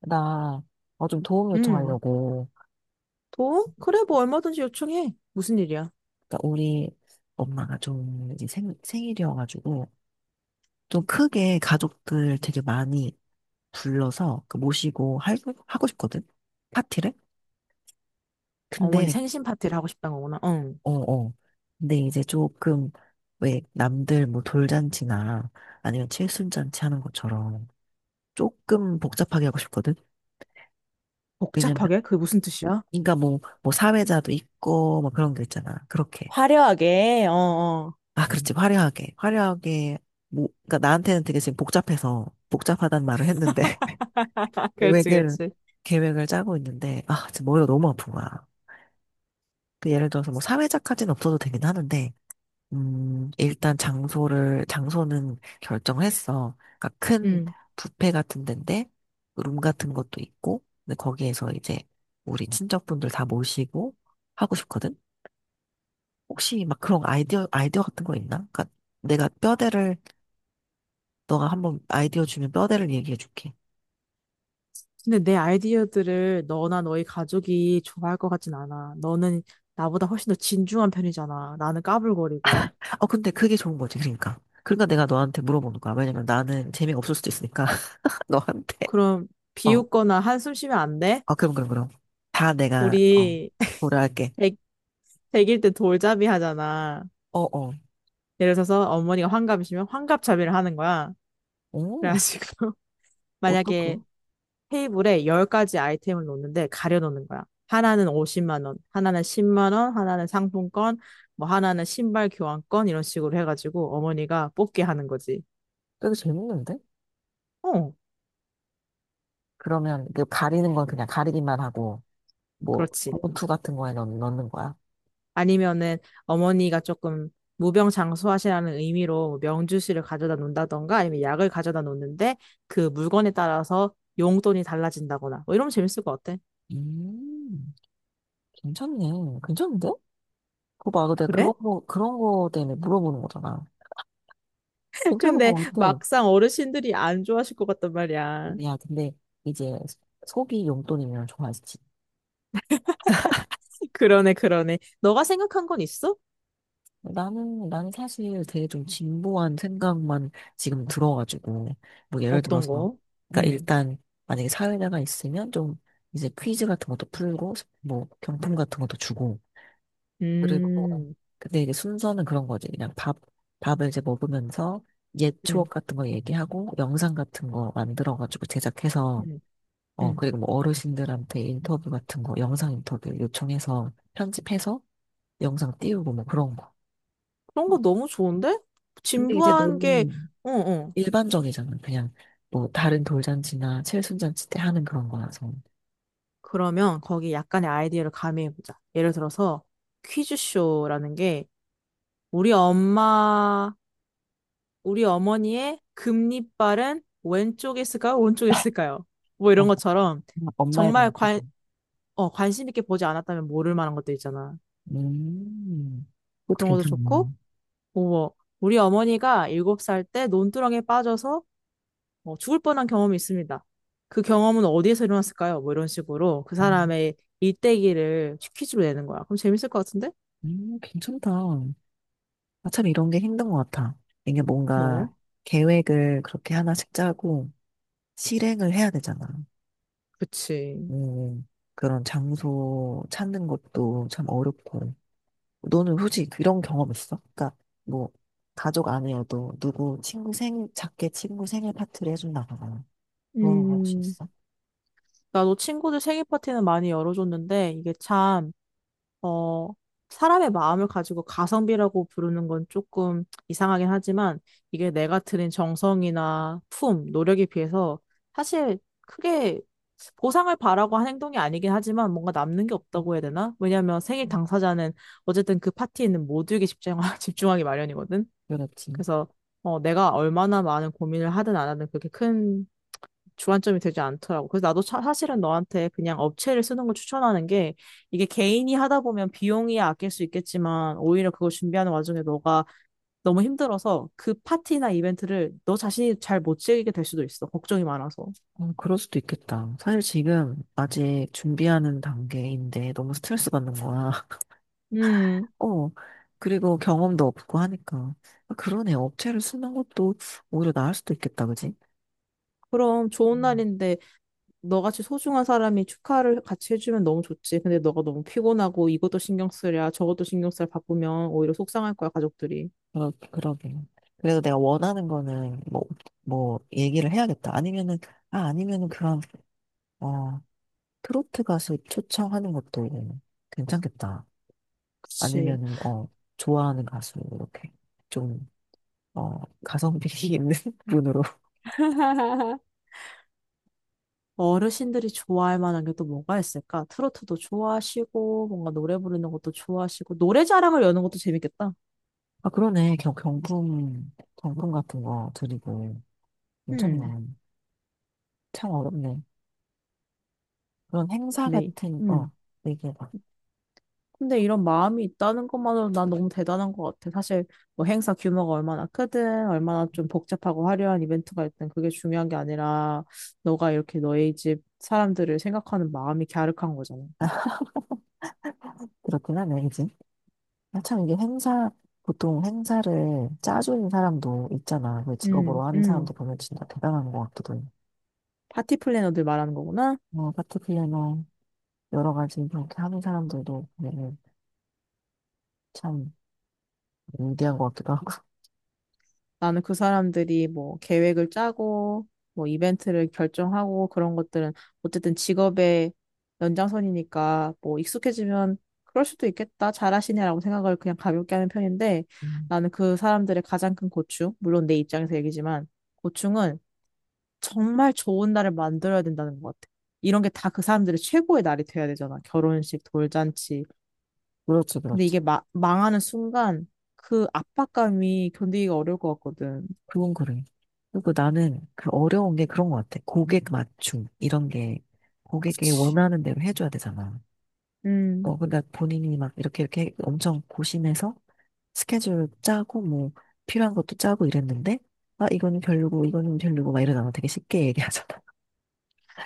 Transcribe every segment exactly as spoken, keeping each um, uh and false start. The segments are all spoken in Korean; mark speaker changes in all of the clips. Speaker 1: 나, 어, 좀 도움
Speaker 2: 응.
Speaker 1: 요청하려고.
Speaker 2: 돈? 그래, 뭐 얼마든지 요청해. 무슨 일이야?
Speaker 1: 그러니까 우리 엄마가 좀 이제 생, 생일이어가지고, 좀 크게 가족들 되게 많이 불러서 그 모시고 할, 하고 싶거든? 파티를?
Speaker 2: 어머니
Speaker 1: 근데,
Speaker 2: 생신 파티를 하고 싶단 거구나. 응.
Speaker 1: 어, 어. 근데 이제 조금, 왜 남들 뭐 돌잔치나 아니면 칠순잔치 하는 것처럼 조금 복잡하게 하고 싶거든? 왜냐면,
Speaker 2: 복잡하게? 그게 무슨 뜻이야?
Speaker 1: 그러니까 뭐, 뭐 사회자도 있고, 뭐 그런 게 있잖아. 그렇게.
Speaker 2: 화려하게, 어, 어.
Speaker 1: 아, 그렇지. 화려하게. 화려하게. 뭐, 그러니까 나한테는 되게 지금 복잡해서 복잡하단 말을 했는데
Speaker 2: 그렇지,
Speaker 1: 계획을
Speaker 2: 그렇지.
Speaker 1: 계획을 짜고 있는데 아, 지금 머리가 너무 아픈 거야. 그 예를 들어서 뭐 사회자까지는 없어도 되긴 하는데 음, 일단 장소를 장소는 결정을 했어. 그러니까 큰
Speaker 2: 응.
Speaker 1: 뷔페 같은 데인데 룸 같은 것도 있고 근데 거기에서 이제 우리 친척분들 다 모시고 하고 싶거든. 혹시 막 그런 아이디어 아이디어 같은 거 있나? 그러니까 내가 뼈대를 너가 한번 아이디어 주면 뼈대를 얘기해 줄게.
Speaker 2: 근데 내 아이디어들을 너나 너희 가족이 좋아할 것 같진 않아. 너는 나보다 훨씬 더 진중한 편이잖아. 나는 까불거리고.
Speaker 1: 어, 근데 그게 좋은 거지, 그러니까. 그러니까 내가 너한테 물어보는 거야. 왜냐면 나는 재미없을 수도 있으니까, 너한테.
Speaker 2: 그럼
Speaker 1: 어,
Speaker 2: 비웃거나 한숨 쉬면 안 돼?
Speaker 1: 어, 그럼, 그럼, 그럼. 다 내가, 어,
Speaker 2: 우리
Speaker 1: 고려할게.
Speaker 2: 백, 백일 때 돌잡이 하잖아.
Speaker 1: 어, 어.
Speaker 2: 예를 들어서 어머니가 환갑이시면 환갑잡이를 하는 거야.
Speaker 1: 오,
Speaker 2: 그래가지고
Speaker 1: 어떡해.
Speaker 2: 만약에 테이블에 열 가지 아이템을 놓는데 가려놓는 거야. 하나는 오십만 원, 하나는 십만 원, 하나는 상품권, 뭐 하나는 신발 교환권 이런 식으로 해가지고 어머니가 뽑게 하는 거지.
Speaker 1: 되게 재밌는데?
Speaker 2: 어,
Speaker 1: 그러면 그 가리는 건 그냥 가리기만 하고, 뭐,
Speaker 2: 그렇지.
Speaker 1: 봉투 같은 거에 넣, 넣는 거야?
Speaker 2: 아니면은 어머니가 조금 무병장수하시라는 의미로 명주실을 가져다 놓는다던가 아니면 약을 가져다 놓는데 그 물건에 따라서 용돈이 달라진다거나 뭐 이러면 재밌을 것 같아.
Speaker 1: 음, 괜찮네. 괜찮은데? 그거 봐, 내가
Speaker 2: 그래?
Speaker 1: 그런 거, 그런 거 때문에 물어보는 거잖아. 괜찮은
Speaker 2: 근데
Speaker 1: 거 같아.
Speaker 2: 막상 어르신들이 안 좋아하실 것 같단 말이야.
Speaker 1: 야, 근데 이제 속이 용돈이면 좋아하지.
Speaker 2: 그러네, 그러네. 너가 생각한 건 있어?
Speaker 1: 나는, 나는 사실 되게 좀 진보한 생각만 지금 들어가지고, 뭐 예를
Speaker 2: 어떤
Speaker 1: 들어서,
Speaker 2: 거?
Speaker 1: 그러니까
Speaker 2: 음,
Speaker 1: 일단 만약에 사회자가 있으면 좀 이제 퀴즈 같은 것도 풀고, 뭐 경품 같은 것도 주고, 그리고, 어,
Speaker 2: 음,
Speaker 1: 근데 이게 순서는 그런 거지. 그냥 밥, 밥을 이제 먹으면서 옛
Speaker 2: 음,
Speaker 1: 추억 같은 거 얘기하고, 영상 같은 거 만들어가지고 제작해서
Speaker 2: 음,
Speaker 1: 어,
Speaker 2: 음.
Speaker 1: 그리고 뭐 어르신들한테 인터뷰 같은 거, 영상 인터뷰 요청해서 편집해서 영상 띄우고 뭐 그런 거.
Speaker 2: 그런 거 너무 좋은데?
Speaker 1: 근데 이제
Speaker 2: 진부한 게,
Speaker 1: 너무
Speaker 2: 어, 어.
Speaker 1: 일반적이잖아. 그냥 뭐 다른 돌잔치나 칠순잔치 때 하는 그런 거라서.
Speaker 2: 그러면 거기 약간의 아이디어를 가미해보자. 예를 들어서 퀴즈쇼라는 게 우리 엄마, 우리 어머니의 금리빨은 왼쪽에 있을까요? 오른쪽에 있을까요? 뭐
Speaker 1: 어,
Speaker 2: 이런 것처럼
Speaker 1: 엄마- 엄마의
Speaker 2: 정말
Speaker 1: 잔치도.
Speaker 2: 관, 어, 관심 있게 보지 않았다면 모를 만한 것도 있잖아.
Speaker 1: 음, 그것도
Speaker 2: 그런 것도 좋고,
Speaker 1: 괜찮네.
Speaker 2: 어머, 우리 어머니가 일곱 살 때 논두렁에 빠져서 어, 죽을 뻔한 경험이 있습니다. 그 경험은 어디에서 일어났을까요? 뭐 이런 식으로 그
Speaker 1: 음,
Speaker 2: 사람의 일대기를 퀴즈로 내는 거야. 그럼 재밌을 것 같은데?
Speaker 1: 음, 괜찮다. 아, 참 이런 게 힘든 것 같아. 이게
Speaker 2: 뭐,
Speaker 1: 뭔가 계획을 그렇게 하나씩 짜고 실행을 해야 되잖아.
Speaker 2: 그치.
Speaker 1: 음, 그런 장소 찾는 것도 참 어렵고. 너는 혹시 그런 경험 있어? 그러니까 뭐 가족 아니어도 누구 친구 생일 작게 친구 생일 파티를 해준다거나 그런 거 혹시
Speaker 2: 음,
Speaker 1: 있어?
Speaker 2: 나도 친구들 생일 파티는 많이 열어줬는데 이게 참 어, 사람의 마음을 가지고 가성비라고 부르는 건 조금 이상하긴 하지만 이게 내가 들인 정성이나 품, 노력에 비해서 사실 크게 보상을 바라고 한 행동이 아니긴 하지만 뭔가 남는 게 없다고 해야 되나? 왜냐하면 생일
Speaker 1: 음,
Speaker 2: 당사자는 어쨌든 그 파티에 있는 모두에게 집중하, 집중하기 마련이거든.
Speaker 1: 그렇지.
Speaker 2: 그래서 어, 내가 얼마나 많은 고민을 하든 안 하든 그렇게 큰 주안점이 되지 않더라고. 그래서 나도 차- 사실은 너한테 그냥 업체를 쓰는 걸 추천하는 게 이게 개인이 하다 보면 비용이 아낄 수 있겠지만 오히려 그걸 준비하는 와중에 너가 너무 힘들어서 그 파티나 이벤트를 너 자신이 잘 못 즐기게 될 수도 있어. 걱정이 많아서.
Speaker 1: 어, 그럴 수도 있겠다. 사실 지금 아직 준비하는 단계인데 너무 스트레스 받는 거야.
Speaker 2: 음,
Speaker 1: 어, 그리고 경험도 없고 하니까. 아, 그러네. 업체를 쓰는 것도 오히려 나을 수도 있겠다, 그지?
Speaker 2: 그럼 좋은
Speaker 1: 음.
Speaker 2: 날인데 너같이 소중한 사람이 축하를 같이 해주면 너무 좋지. 근데 너가 너무 피곤하고 이것도 신경 쓰랴 저것도 신경 쓰랴 바쁘면 오히려 속상할 거야, 가족들이.
Speaker 1: 그러, 그러게요. 그래서 내가 원하는 거는 뭐, 뭐, 얘기를 해야겠다. 아니면은, 아, 아니면은 그런, 어, 트로트 가수 초청하는 것도 괜찮겠다.
Speaker 2: 그치.
Speaker 1: 아니면은, 어, 좋아하는 가수, 이렇게 좀, 어, 가성비 있는 분으로.
Speaker 2: 어르신들이 좋아할 만한 게 또 뭐가 있을까? 트로트도 좋아하시고, 뭔가 노래 부르는 것도 좋아하시고, 노래 자랑을 여는 것도 재밌겠다.
Speaker 1: 아, 그러네. 경, 경품, 경품 같은 거 드리고. 괜찮네.
Speaker 2: 음,
Speaker 1: 참 어렵네. 그런 행사
Speaker 2: 근데,
Speaker 1: 같은, 어,
Speaker 2: 음.
Speaker 1: 되게 막
Speaker 2: 근데 이런 마음이 있다는 것만으로 난 너무 대단한 것 같아. 사실, 뭐 행사 규모가 얼마나 크든, 얼마나 좀 복잡하고 화려한 이벤트가 있든, 그게 중요한 게 아니라, 너가 이렇게 너의 집 사람들을 생각하는 마음이 갸륵한 거잖아.
Speaker 1: 그렇긴 하네. 아, 참 이게 행사, 보통 행사를 짜주는 사람도 있잖아. 그 직업으로
Speaker 2: 음,
Speaker 1: 하는
Speaker 2: 음.
Speaker 1: 사람도 보면 진짜 대단한 것 같기도 해.
Speaker 2: 파티 플래너들 말하는 거구나.
Speaker 1: 뭐, 파티플래너, 여러 가지 그렇게 하는 사람들도 보면은 참 위대한 것 같기도 하고.
Speaker 2: 나는 그 사람들이 뭐 계획을 짜고 뭐 이벤트를 결정하고 그런 것들은 어쨌든 직업의 연장선이니까 뭐 익숙해지면 그럴 수도 있겠다. 잘하시네라고 생각을 그냥 가볍게 하는 편인데
Speaker 1: 음,
Speaker 2: 나는 그 사람들의 가장 큰 고충, 물론 내 입장에서 얘기지만 고충은 정말 좋은 날을 만들어야 된다는 것 같아. 이런 게 다 그 사람들의 최고의 날이 돼야 되잖아. 결혼식, 돌잔치.
Speaker 1: 그렇지,
Speaker 2: 근데
Speaker 1: 그렇지.
Speaker 2: 이게 마, 망하는 순간 그 압박감이 견디기가 어려울 것 같거든.
Speaker 1: 그건 그래. 그리고 나는 그 어려운 게 그런 것 같아. 고객 맞춤, 이런 게 고객이
Speaker 2: 그치.
Speaker 1: 원하는 대로 해줘야 되잖아.
Speaker 2: 음,
Speaker 1: 어, 근데 본인이 막 이렇게 이렇게 엄청 고심해서 스케줄 짜고 뭐 필요한 것도 짜고 이랬는데, 아, 이거는 별로고, 이거는 별로고 막 이러잖아. 되게 쉽게 얘기하잖아.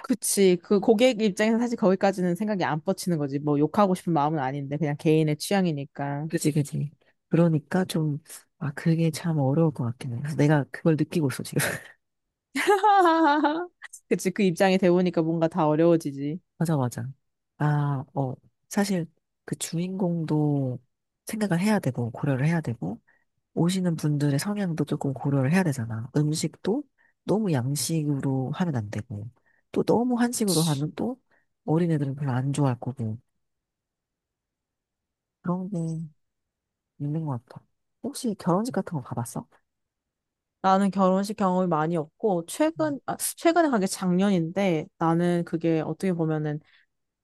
Speaker 2: 그치. 그 고객 입장에서 사실 거기까지는 생각이 안 뻗치는 거지. 뭐 욕하고 싶은 마음은 아닌데, 그냥 개인의 취향이니까.
Speaker 1: 그지, 그지. 그러니까 좀, 아, 그게 참 어려울 것 같긴 해. 그래서 내가 그걸 느끼고 있어, 지금.
Speaker 2: 그치. 그 입장이 되보니까 뭔가 다 어려워지지.
Speaker 1: 맞아, 맞아. 아, 어, 사실 그 주인공도 생각을 해야 되고, 고려를 해야 되고, 오시는 분들의 성향도 조금 고려를 해야 되잖아. 음식도 너무 양식으로 하면 안 되고, 또 너무 한식으로
Speaker 2: 그치.
Speaker 1: 하면 또 어린애들은 별로 안 좋아할 거고, 그런 게 있는 것 같아. 혹시 결혼식 같은 거 가봤어?
Speaker 2: 나는 결혼식 경험이 많이 없고,
Speaker 1: 음.
Speaker 2: 최근, 아, 최근에 간 게 작년인데, 나는 그게 어떻게 보면은,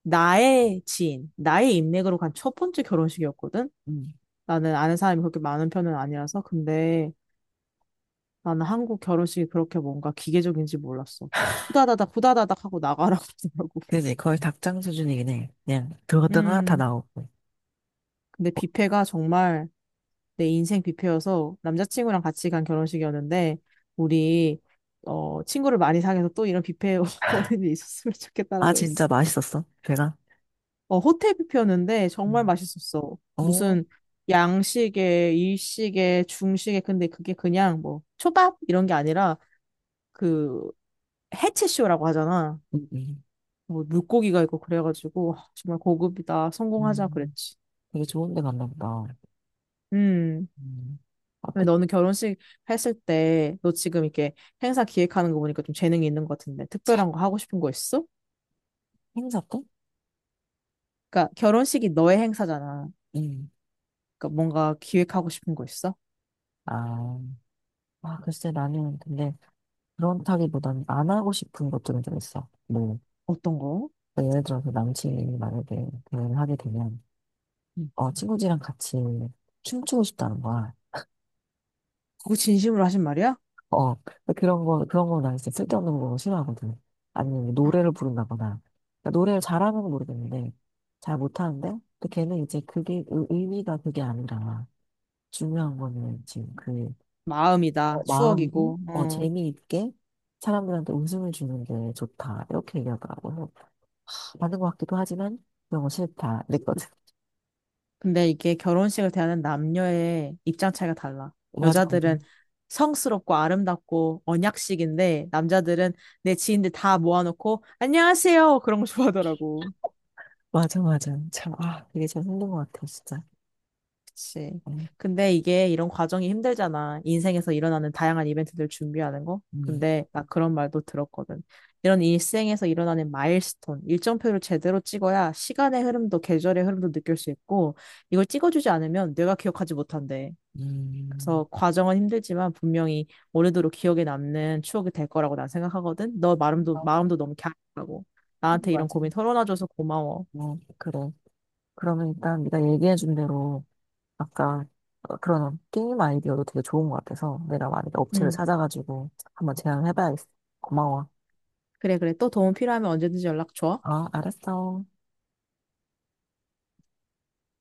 Speaker 2: 나의 지인, 나의 인맥으로 간 첫 번째 결혼식이었거든?
Speaker 1: 응.
Speaker 2: 나는 아는 사람이 그렇게 많은 편은 아니라서. 근데, 나는 한국 결혼식이 그렇게 뭔가 기계적인지 몰랐어. 후다다닥 후다다닥 하고 나가라고 그러더라고.
Speaker 1: 그지? 거의 닭장 수준이긴 해. 그냥 들어갔다가 다
Speaker 2: 음.
Speaker 1: 나오고.
Speaker 2: 근데 뷔페가 정말 내 인생 뷔페여서 남자친구랑 같이 간 결혼식이었는데 우리 어 친구를 많이 사귀어서 또 이런 뷔페 오는 일이 있었으면
Speaker 1: 아,
Speaker 2: 좋겠다라고
Speaker 1: 진짜
Speaker 2: 그랬어.
Speaker 1: 맛있었어? 배가?
Speaker 2: 어 호텔 뷔페였는데 정말
Speaker 1: 음,
Speaker 2: 맛있었어.
Speaker 1: 어,
Speaker 2: 무슨 양식에 일식에 중식에 근데 그게 그냥 뭐 초밥 이런 게 아니라 그 해체쇼라고 하잖아.
Speaker 1: 음.
Speaker 2: 뭐 물고기가 있고 그래가지고 아, 정말 고급이다.
Speaker 1: 음,
Speaker 2: 성공하자
Speaker 1: 음.
Speaker 2: 그랬지.
Speaker 1: 되게 좋은 데 갔나 보다.
Speaker 2: 음.
Speaker 1: 음. 아,
Speaker 2: 근데
Speaker 1: 그,
Speaker 2: 너는 결혼식 했을 때 너 지금 이렇게 행사 기획하는 거 보니까 좀 재능이 있는 것 같은데
Speaker 1: 차,
Speaker 2: 특별한 거 하고 싶은 거 있어?
Speaker 1: 행사 때?
Speaker 2: 그러니까 결혼식이 너의 행사잖아.
Speaker 1: 응.
Speaker 2: 그러니까 뭔가 기획하고 싶은 거 있어?
Speaker 1: 아, 아, 글쎄, 나는 근데 그렇다기보다는 안 하고 싶은 것들은 좀 있어. 뭐,
Speaker 2: 어떤 거?
Speaker 1: 그러니까 예를 들어서 남친이 만약에 대화를 하게 되면,
Speaker 2: 음.
Speaker 1: 어, 친구들이랑 같이 춤추고 싶다는 거야.
Speaker 2: 그거 진심으로 하신 말이야?
Speaker 1: 어, 그런 거, 그런 거 나 진짜 쓸데없는 거 싫어하거든. 아니면 뭐 노래를 부른다거나. 그러니까 노래를 잘하는 건 모르겠는데, 잘 못하는데, 또 걔는 이제 그게, 의- 의미가 그게 아니라, 중요한 거는 지금 그,
Speaker 2: 마음이다.
Speaker 1: 어, 마음이,
Speaker 2: 추억이고.
Speaker 1: 어,
Speaker 2: 어.
Speaker 1: 재미있게 사람들한테 웃음을 주는 게 좋다. 이렇게 얘기하더라고. 맞는 것 같기도 하지만 너무 싫다 이랬거든.
Speaker 2: 근데 이게 결혼식을 대하는 남녀의 입장 차이가 달라.
Speaker 1: 맞아,
Speaker 2: 여자들은 성스럽고 아름답고 언약식인데 남자들은 내 지인들 다 모아놓고 안녕하세요 그런 거 좋아하더라고.
Speaker 1: 맞아, 맞아. 참, 아, 이게 참 힘든 것 같아, 진짜.
Speaker 2: 그치.
Speaker 1: 음,
Speaker 2: 근데 이게 이런 과정이 힘들잖아. 인생에서 일어나는 다양한 이벤트들 준비하는 거.
Speaker 1: 음,
Speaker 2: 근데 나 그런 말도 들었거든. 이런 일생에서 일어나는 마일스톤, 일정표를 제대로 찍어야 시간의 흐름도 계절의 흐름도 느낄 수 있고 이걸 찍어주지 않으면 내가 기억하지 못한대.
Speaker 1: 음.
Speaker 2: 그래서 과정은 힘들지만 분명히 오래도록 기억에 남는 추억이 될 거라고 난 생각하거든. 너 마음도
Speaker 1: 맞아,
Speaker 2: 마음도 너무 갸름하고
Speaker 1: 하
Speaker 2: 나한테 이런
Speaker 1: 맞아.
Speaker 2: 고민 털어놔줘서 고마워.
Speaker 1: 어, 그래. 그러면 일단 네가 얘기해준 대로 아까 어, 그런 게임 아이디어도 되게 좋은 것 같아서 내가 만약에 업체를
Speaker 2: 응.
Speaker 1: 찾아가지고 한번 제안해봐야겠어. 고마워.
Speaker 2: 그래 그래. 또 도움 필요하면 언제든지 연락 줘.
Speaker 1: 아, 알았어.